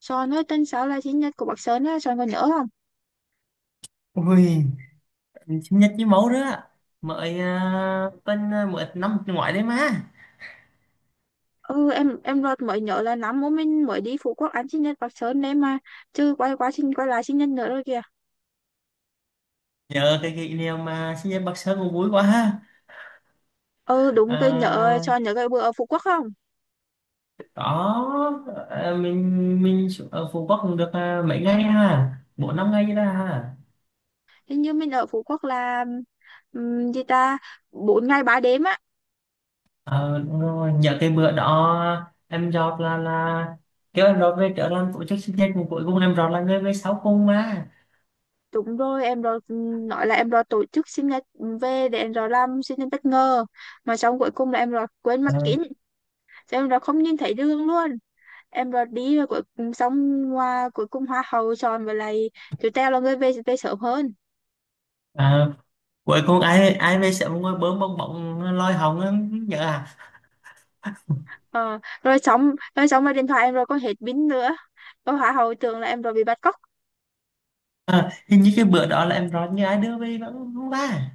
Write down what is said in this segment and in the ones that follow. Son ơi, tên sáu là sinh nhật của bác Sơn á, Son còn nhớ không? Ui, sinh nhật với mẫu đó mời bên mới năm ngoại đấy mà. Ừ, em đợt mới nhớ là năm bố mình mới đi Phú Quốc ăn sinh nhật bác Sơn đấy mà. Chứ quay lại sinh nhật nữa rồi kìa. Nhờ cái kỷ niệm mà sinh nhật Bắc Sơn cũng vui quá ha. Ừ đúng, cái nhớ à, Son nhớ cái bữa ở Phú Quốc không? Đó. Mình xuống- ở Phú Quốc cũng được mấy ngày ha. Bốn năm ngày đó ha. Hình như mình ở Phú Quốc là, gì ta, 4 ngày 3 đêm á. Ờ, đúng rồi. Nhờ cái bữa đó em Rọt là kêu em Rọt về trở làm tổ chức sinh nhật mà cuối cùng em Rọt là người về sau cùng mà. Đúng rồi, em rồi nói là em rồi tổ chức sinh nhật, về để em rồi làm sinh nhật bất ngờ, mà xong cuối cùng là em rồi quên mặt kính. Cho em rồi không nhìn thấy đường luôn. Em rồi đi rồi cuối. Xong cuối cùng hoa hậu chọn với lại chú Teo là người về về sớm hơn. à, Cuối cùng ai ai về sẽ ngồi bơm bong bóng lôi hồng á, nhớ à. Ờ, Rồi xong rồi điện thoại em rồi có hết pin nữa, rồi hoa hậu tưởng là em rồi bị bắt cóc. À, hình như cái bữa đó là em nói như ai đưa về vẫn không ba.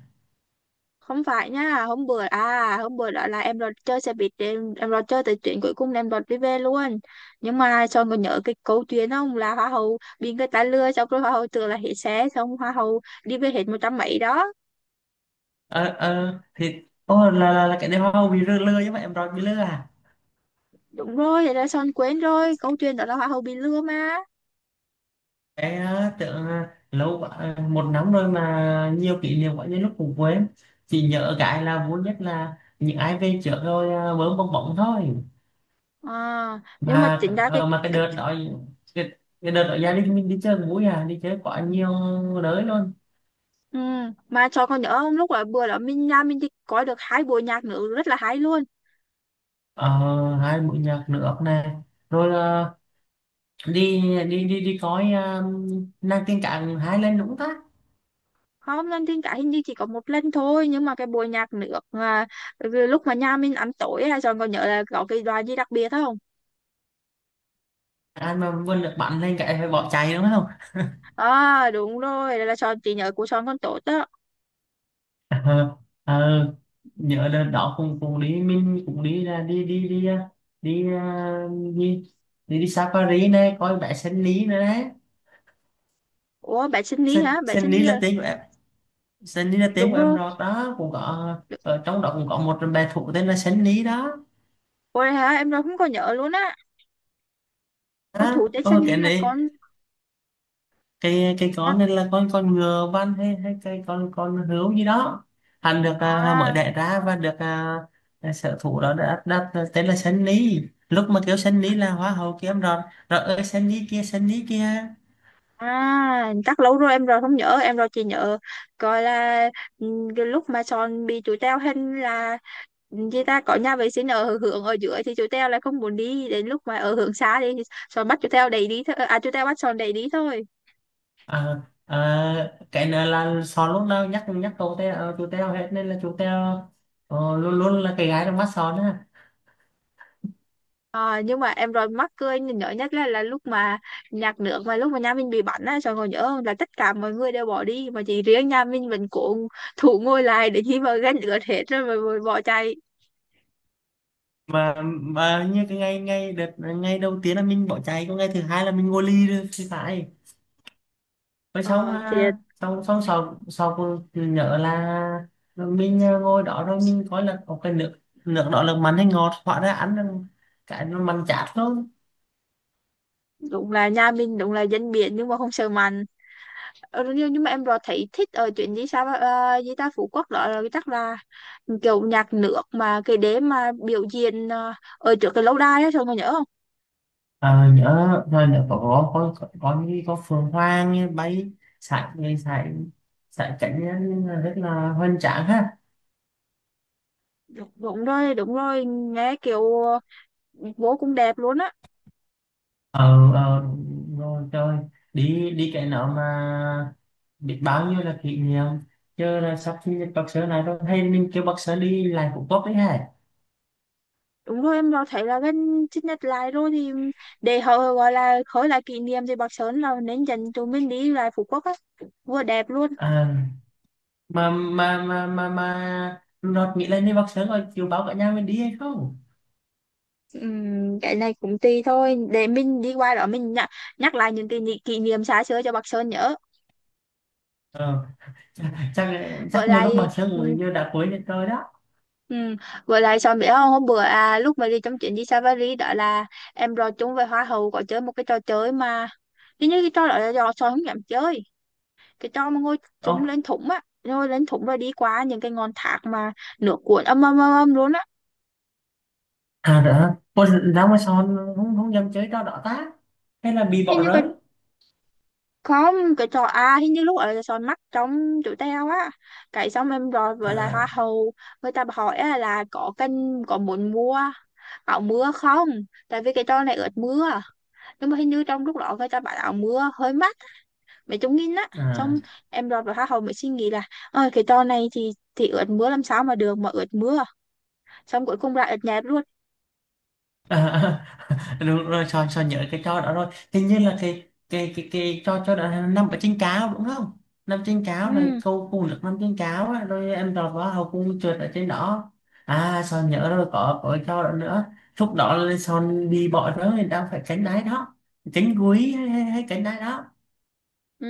Không phải nha, hôm bữa đó là em rồi chơi xe buýt, em rồi chơi tới chuyện cuối cùng là em rồi đi về luôn. Nhưng mà cho còn nhớ cái câu chuyện không, là hoa hậu bị người ta lừa xong rồi hoa hậu tưởng là hết xe, xong hoa hậu đi về hết một trăm mấy đó. Ờ ờ thì Ô là cái đêm hoa bị lừa lừa chứ mà em nói bị lừa à. Đúng rồi, thế là son quên rồi, câu chuyện đó là hoa hậu bị lừa mà. Cái tưởng lâu quá, một năm rồi mà nhiều kỷ niệm quá như lúc cũng quên. Chỉ nhớ cái là vui nhất là những ai về trước rồi bấm bong bóng thôi. À, nhưng mà Mà chính ra cái, mà cái cái đợt đó cái, cái đợt đó gia đình mình đi chơi cũng vui, à đi chơi quá nhiều đới luôn. ừ, mà cho con nhớ lúc là bữa đó nhà mình đi coi được 2 buổi nhạc nữ rất là hay luôn. Ờ, hai mũi nhạc nước này rồi, đi đi coi nàng tiên cạn hái lên đúng ta. Không, lên thiên cả hình như chỉ có một lần thôi, nhưng mà cái buổi nhạc nước, cái lúc mà nhà mình ăn tối là Sean còn nhớ là có cái đoàn gì đặc biệt không? Anh mà vươn được bắn lên cái phải bỏ chạy đúng không. À đúng rồi, là Sean chỉ nhớ của Sean con tốt đó. Ờ, ờ, nhớ đợt đó cũng cũng đi mình cũng đi là đi đi đi đi đi đi, đi safari này coi bé sen lý nữa đấy. Ủa bé sinh lý sen, hả, bé sen sinh lý lý là là, tiếng của em, sen lý là tiếng đúng của em rồi. rồi đó, cũng có ở trong đó cũng có một bé thú tên là sen lý đó. Ôi hả, em đâu không có nhớ luôn á. Con thủ Đó, tế sinh ôi cái lý là này con cây cây con này là con ngựa văn hay hay cây con hươu gì đó, hắn được mới à? đẻ ra và được sở thủ đó đã đặt tên là Sơn lý. Lúc mà kêu Sơn lý là hoa hậu kia em rồi rồi ơi, Sơn lý kia Sơn lý kia. À, chắc lâu rồi em rồi không nhớ, em rồi chỉ nhớ coi là, ừ, cái lúc mà Son bị chú Teo hình là, chị ta có nhà vệ sinh ở hướng ở dưới thì chú Teo lại không muốn đi, đến lúc mà ở hướng xa đi thì Son bắt chú Teo đẩy đi thôi, à, chú Teo bắt Son đẩy đi thôi. À, à, cái này là sò lúc nào nhắc nhắc cậu Teo chú Teo hết nên là chú Teo ờ, luôn luôn là cái gái trong mắt sò đó. Nhưng mà em rồi mắc cười nhớ nhất là lúc mà nhạc nước mà lúc mà nhà mình bị bắn á, Son còn nhớ không, là tất cả mọi người đều bỏ đi mà chỉ riêng nhà mình vẫn cố thủ ngồi lại để khi mà gánh lửa hết rồi mà bỏ chạy. Mà như cái ngày ngày đợt ngày đầu tiên là mình bỏ chạy còn ngày thứ hai là mình ngồi ly rồi thì phải. Rồi xong, Ờ, thì xong sau sau cô nhớ là mình ngồi đó rồi mình coi là có cái nước, nước đó là mặn hay ngọt hóa ra ăn là cái nó mặn chát luôn. đúng là nhà mình đúng là dân biển nhưng mà không sợ mặn. Ờ, nhưng mà em rõ thấy thích ở chuyến đi sao, gì ta Phú Quốc đó là chắc là kiểu nhạc nước mà cái đế mà biểu diễn, ở trước cái lâu đài á, sao mà nhớ không? À, nhớ rồi, nhớ như có phượng hoàng như bay sải người sải sải cảnh á, nhưng mà rất là hoành tráng ha. Đúng, đúng rồi, đúng rồi nghe kiểu, vô cùng đẹp luôn á. ờ ờ Ngồi chơi đi đi cái nào mà biết bao nhiêu là kỷ niệm. Chứ là sắp sinh nhật bác sớ này rồi, hay mình kêu bác sớ đi lại cũng tốt đấy hả. Đúng rồi, em rõ thấy là gần chích nhật lại rồi thì để họ gọi là khởi lại kỷ niệm thì Bắc Sơn là nên dành tụi mình đi lại Phú Quốc á, vừa đẹp luôn. À, mà Nọt nghĩ lên đi bác sớm rồi chiều báo cả nhà mình đi hay không. Cái này cũng tùy thôi, để mình đi qua đó mình nhắc lại những kỷ niệm xa xưa cho bác Sơn nhớ. Ờ, chắc chắc Với chắc nhiều lúc bác lại sớm rồi như đã cuối được rồi đó. ừm, với lại Sơn biết không, hôm bữa, lúc mà đi trong chuyến đi Safari đó là em rồi chung với Hoa hậu có chơi một cái trò chơi mà hình như cái trò đó là do Sơn không dám chơi, cái trò mà ngồi Ồ, chúng lên thủng á, ngồi lên thủng rồi đi qua những cái ngọn thác mà nước cuộn âm âm âm âm luôn á. à đã con ra mà sao không không dám chơi trò đó ta, hay là bị Hình bỏ như rơi. không, cái trò, hình như lúc ở là soi mắt trong tụi tao á, cái xong em rồi với lại hoa À hậu người ta hỏi á là có kênh có muốn mua áo mưa không. Tại vì cái trò này ướt mưa, nhưng mà hình như trong lúc đó người ta bảo áo mưa hơi mắc, mấy chục nghìn á, à, xong em rồi với hoa hậu mới suy nghĩ là, ơi cái trò này thì ướt mưa làm sao mà được, mà ướt mưa, xong cuối cùng lại ướt nhẹp luôn. à, à, à. Đúng rồi, Sơn Sơn nhớ cái cho đó rồi, hình như là cái cho đó là nằm ở trên cáo đúng không. Nằm trên cáo rồi Ừ, câu cùng được nằm trên cáo á, rồi em tròn vào hậu cung trượt ở trên đó. À, Sơn nhớ rồi, có cái cho đó nữa, lúc đó là Sơn đi bỏ đó thì đang phải cánh đáy đó, cánh cuối hay cánh đáy đó. ừ.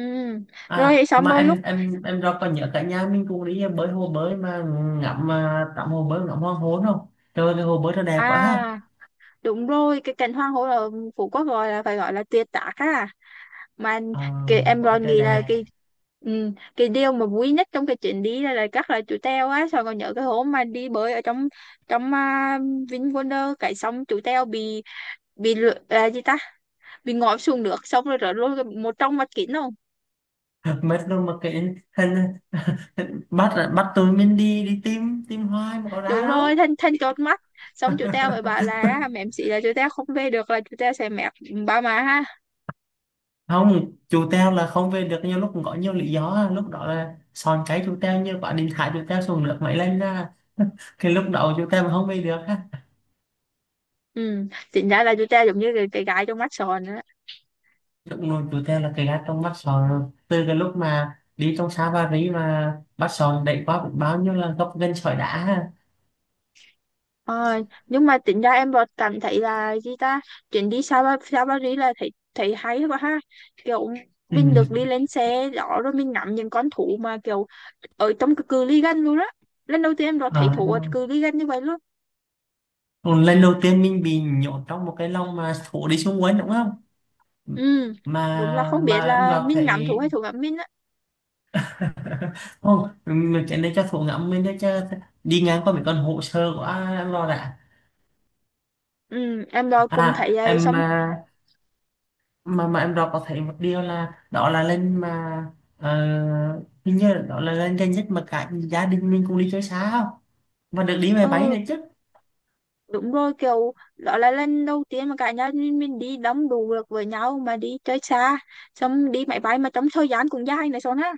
Rồi À xong mà rồi lúc, em rồi còn nhớ cả nhà mình cùng đi bơi hồ bơi mà ngắm, tắm hồ bơi ngắm hoàng hôn không. Trời ơi, cái hồ bơi nó đẹp quá ha. à đúng rồi, cái cảnh hoàng hôn ở Phú Quốc gọi là phải gọi là tuyệt tác á. Mà Ờ, cái em quá còn trời nghĩ là cái, đẹp. ừ, cái điều mà vui nhất trong cái chuyến đi là chắc là chú Teo á, sao còn nhớ cái hôm mà đi bơi ở trong, trong VinWonder, cái xong chú Teo bị, là gì ta, bị ngã xuống nước xong rồi rớt luôn một trong mắt kính không? Mất đâu mà cái hình, bắt bắt tôi mình đi đi tìm tìm hoài mà có ra Đúng rồi, đâu. thanh thanh chót mắt, xong chú Teo mới bảo là mẹ sĩ là chú Teo không về được là chú Teo sẽ mẹ ba má ha. Không, chú Teo là không về được nhiều lúc cũng có nhiều lý do á. Lúc đó là son cái chú Teo như quả điện thoại chú Teo xuống nước máy lên ra, cái lúc đó chú Teo mà không về được ha. Ừ chính ra là chú Teo giống như cái gái trong mắt sòn á. Lúc nồi chú Teo là cái gạt trong bắt sòn rồi. Từ cái lúc mà đi trong xa Ba Rí mà bắt sòn đẩy qua cũng bao nhiêu là gốc gân sỏi đá ha. Ờ, nhưng mà tính ra em vẫn cảm thấy là gì ta, chuyến đi Sa Paris là thấy thấy hay quá ha, kiểu Ừ. mình được đi lên xe đó rồi mình ngắm những con thú mà kiểu ở trong cái cự ly gần luôn đó. Lần đầu tiên em đã thấy Ờ, thú ở cự ly gần như vậy luôn. còn lần đầu tiên mình bị nhốt trong một cái lồng mà thổ đi xuống quấn đúng không, Ừ, đúng là mà không mà biết em là gặp mình ngắm thú thấy hay thú ngắm mình á. không mình cái này cho thủ ngẫm mình để cho đi ngang qua mấy con hồ sơ của em lo đã. Ừ em đã À cùng thấy vậy em xong. à, mà em đọc có thấy một điều là đó là lên mà ờ, hình như là đó là lên gần nhất mà cả gia đình mình cũng đi chơi xa không và được đi máy bay Ừ đấy chứ. đúng rồi, kiểu đó là lần đầu tiên mà cả nhà mình đi đông đủ được với nhau mà đi chơi xa, xong đi máy bay mà trong thời gian cũng dài này xong ha.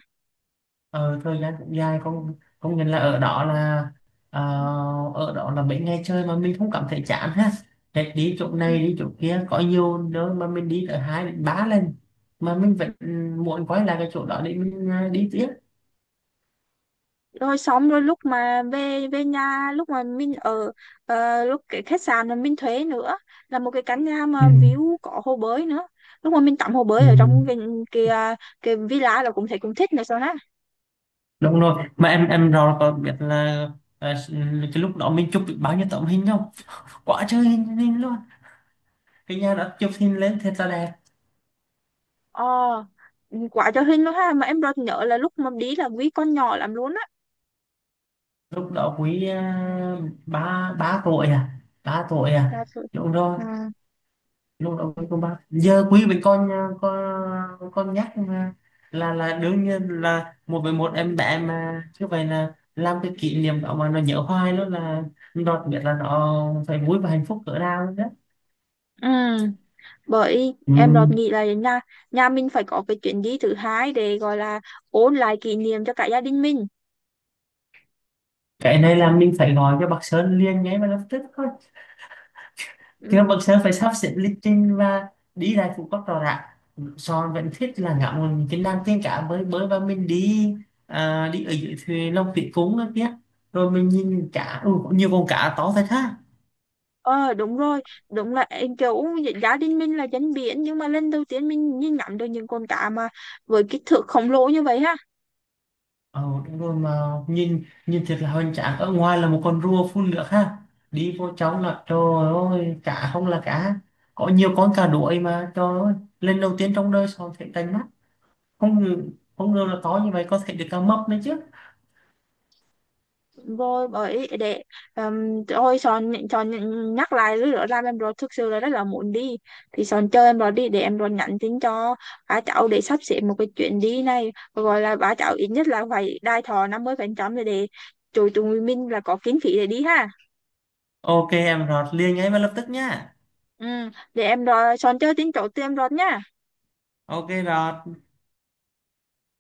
Ờ, thời gian cũng dài không, không nhận là ở đó là ờ, ở đó là mấy ngày chơi mà mình không cảm thấy chán ha. Hết đi chỗ Ừ. này đi chỗ kia có nhiều nơi mà mình đi tới hai đến ba lần mà mình vẫn muốn quay lại cái chỗ đó để mình đi tiếp. Rồi xong rồi lúc mà về về nhà lúc mà mình ở, lúc cái khách sạn mà mình thuê nữa là một cái căn nhà Ừ. mà view có hồ bơi nữa. Lúc mà mình tắm hồ Ừ. bơi ở trong cái villa là cũng thấy cũng thích này sao ha. Đúng rồi, mà em rồi có biết là ờ, cái lúc đó mình chụp được bao nhiêu tấm hình không, quá trời hình luôn, cái nhà đó chụp hình lên thật là đẹp. ờ ừ, quá cho hình luôn ha, mà em rất nhớ là lúc mà đi là quý con nhỏ lắm luôn á. Lúc đó quý ba ba tuổi à ba tuổi Dạ à, thôi. đúng rồi. À. Luôn đồng ý cùng ba giờ quý với con, con nhắc mà. Là đương nhiên là một với một em bé mà như vậy là làm cái kỷ niệm đó mà nó nhớ hoài luôn, là nó biết là nó phải vui và hạnh phúc cỡ nào đó. Ừ, bởi Ừ. em đột nghĩ là nhà nhà mình phải có cái chuyến đi thứ hai để gọi là ôn lại kỷ niệm cho cả gia đình mình. Cái này là mình phải gọi cho bác Sơn liền ngay mà lập tức thôi. Thì các Ừ. Bậc Sơn phải sắp xếp lịch trình và đi lại Phú Quốc rõ ràng. Son vẫn thích là ngắm mình cái Nam Tiên Cá mới mới và mình đi đi ở dưới thuyền Long Thủy Cúng đó kia. Rồi mình nhìn cá, ừ, có nhiều con cá to thật ha. Ờ đúng rồi, đúng là em kiểu gia đình mình là dân biển nhưng mà lần đầu tiên mình nhìn ngắm được những con cá mà với kích thước khổng lồ như vậy ha. Ờ, đúng rồi, mà nhìn nhìn thiệt là hoành tráng. Ở ngoài là một con rùa phun nước ha. Đi vô trong là trời ơi, cá không là cá. Có nhiều con cá đuổi mà trời ơi. Lần đầu tiên trong đời Son thấy đánh mắt. Không ngờ, Không ngờ là to như vậy, có thể được cá mập nữa chứ. Rồi bởi để thôi, Son Son nhắc lại lúc đó làm em rồi thực sự là rất là muốn đi. Thì Son chờ em rồi đi để em rồi nhắn tin cho ba cháu để sắp xếp một cái chuyến đi này, gọi là ba cháu ít nhất là phải đai thọ 50% để tụi tụi mình là có kinh phí để đi ha. Ok em Rọt liền ngay và lập tức nhá. Ừ, để em rồi Son chơi tin chỗ tụi em rồi nhá. Ok Rọt.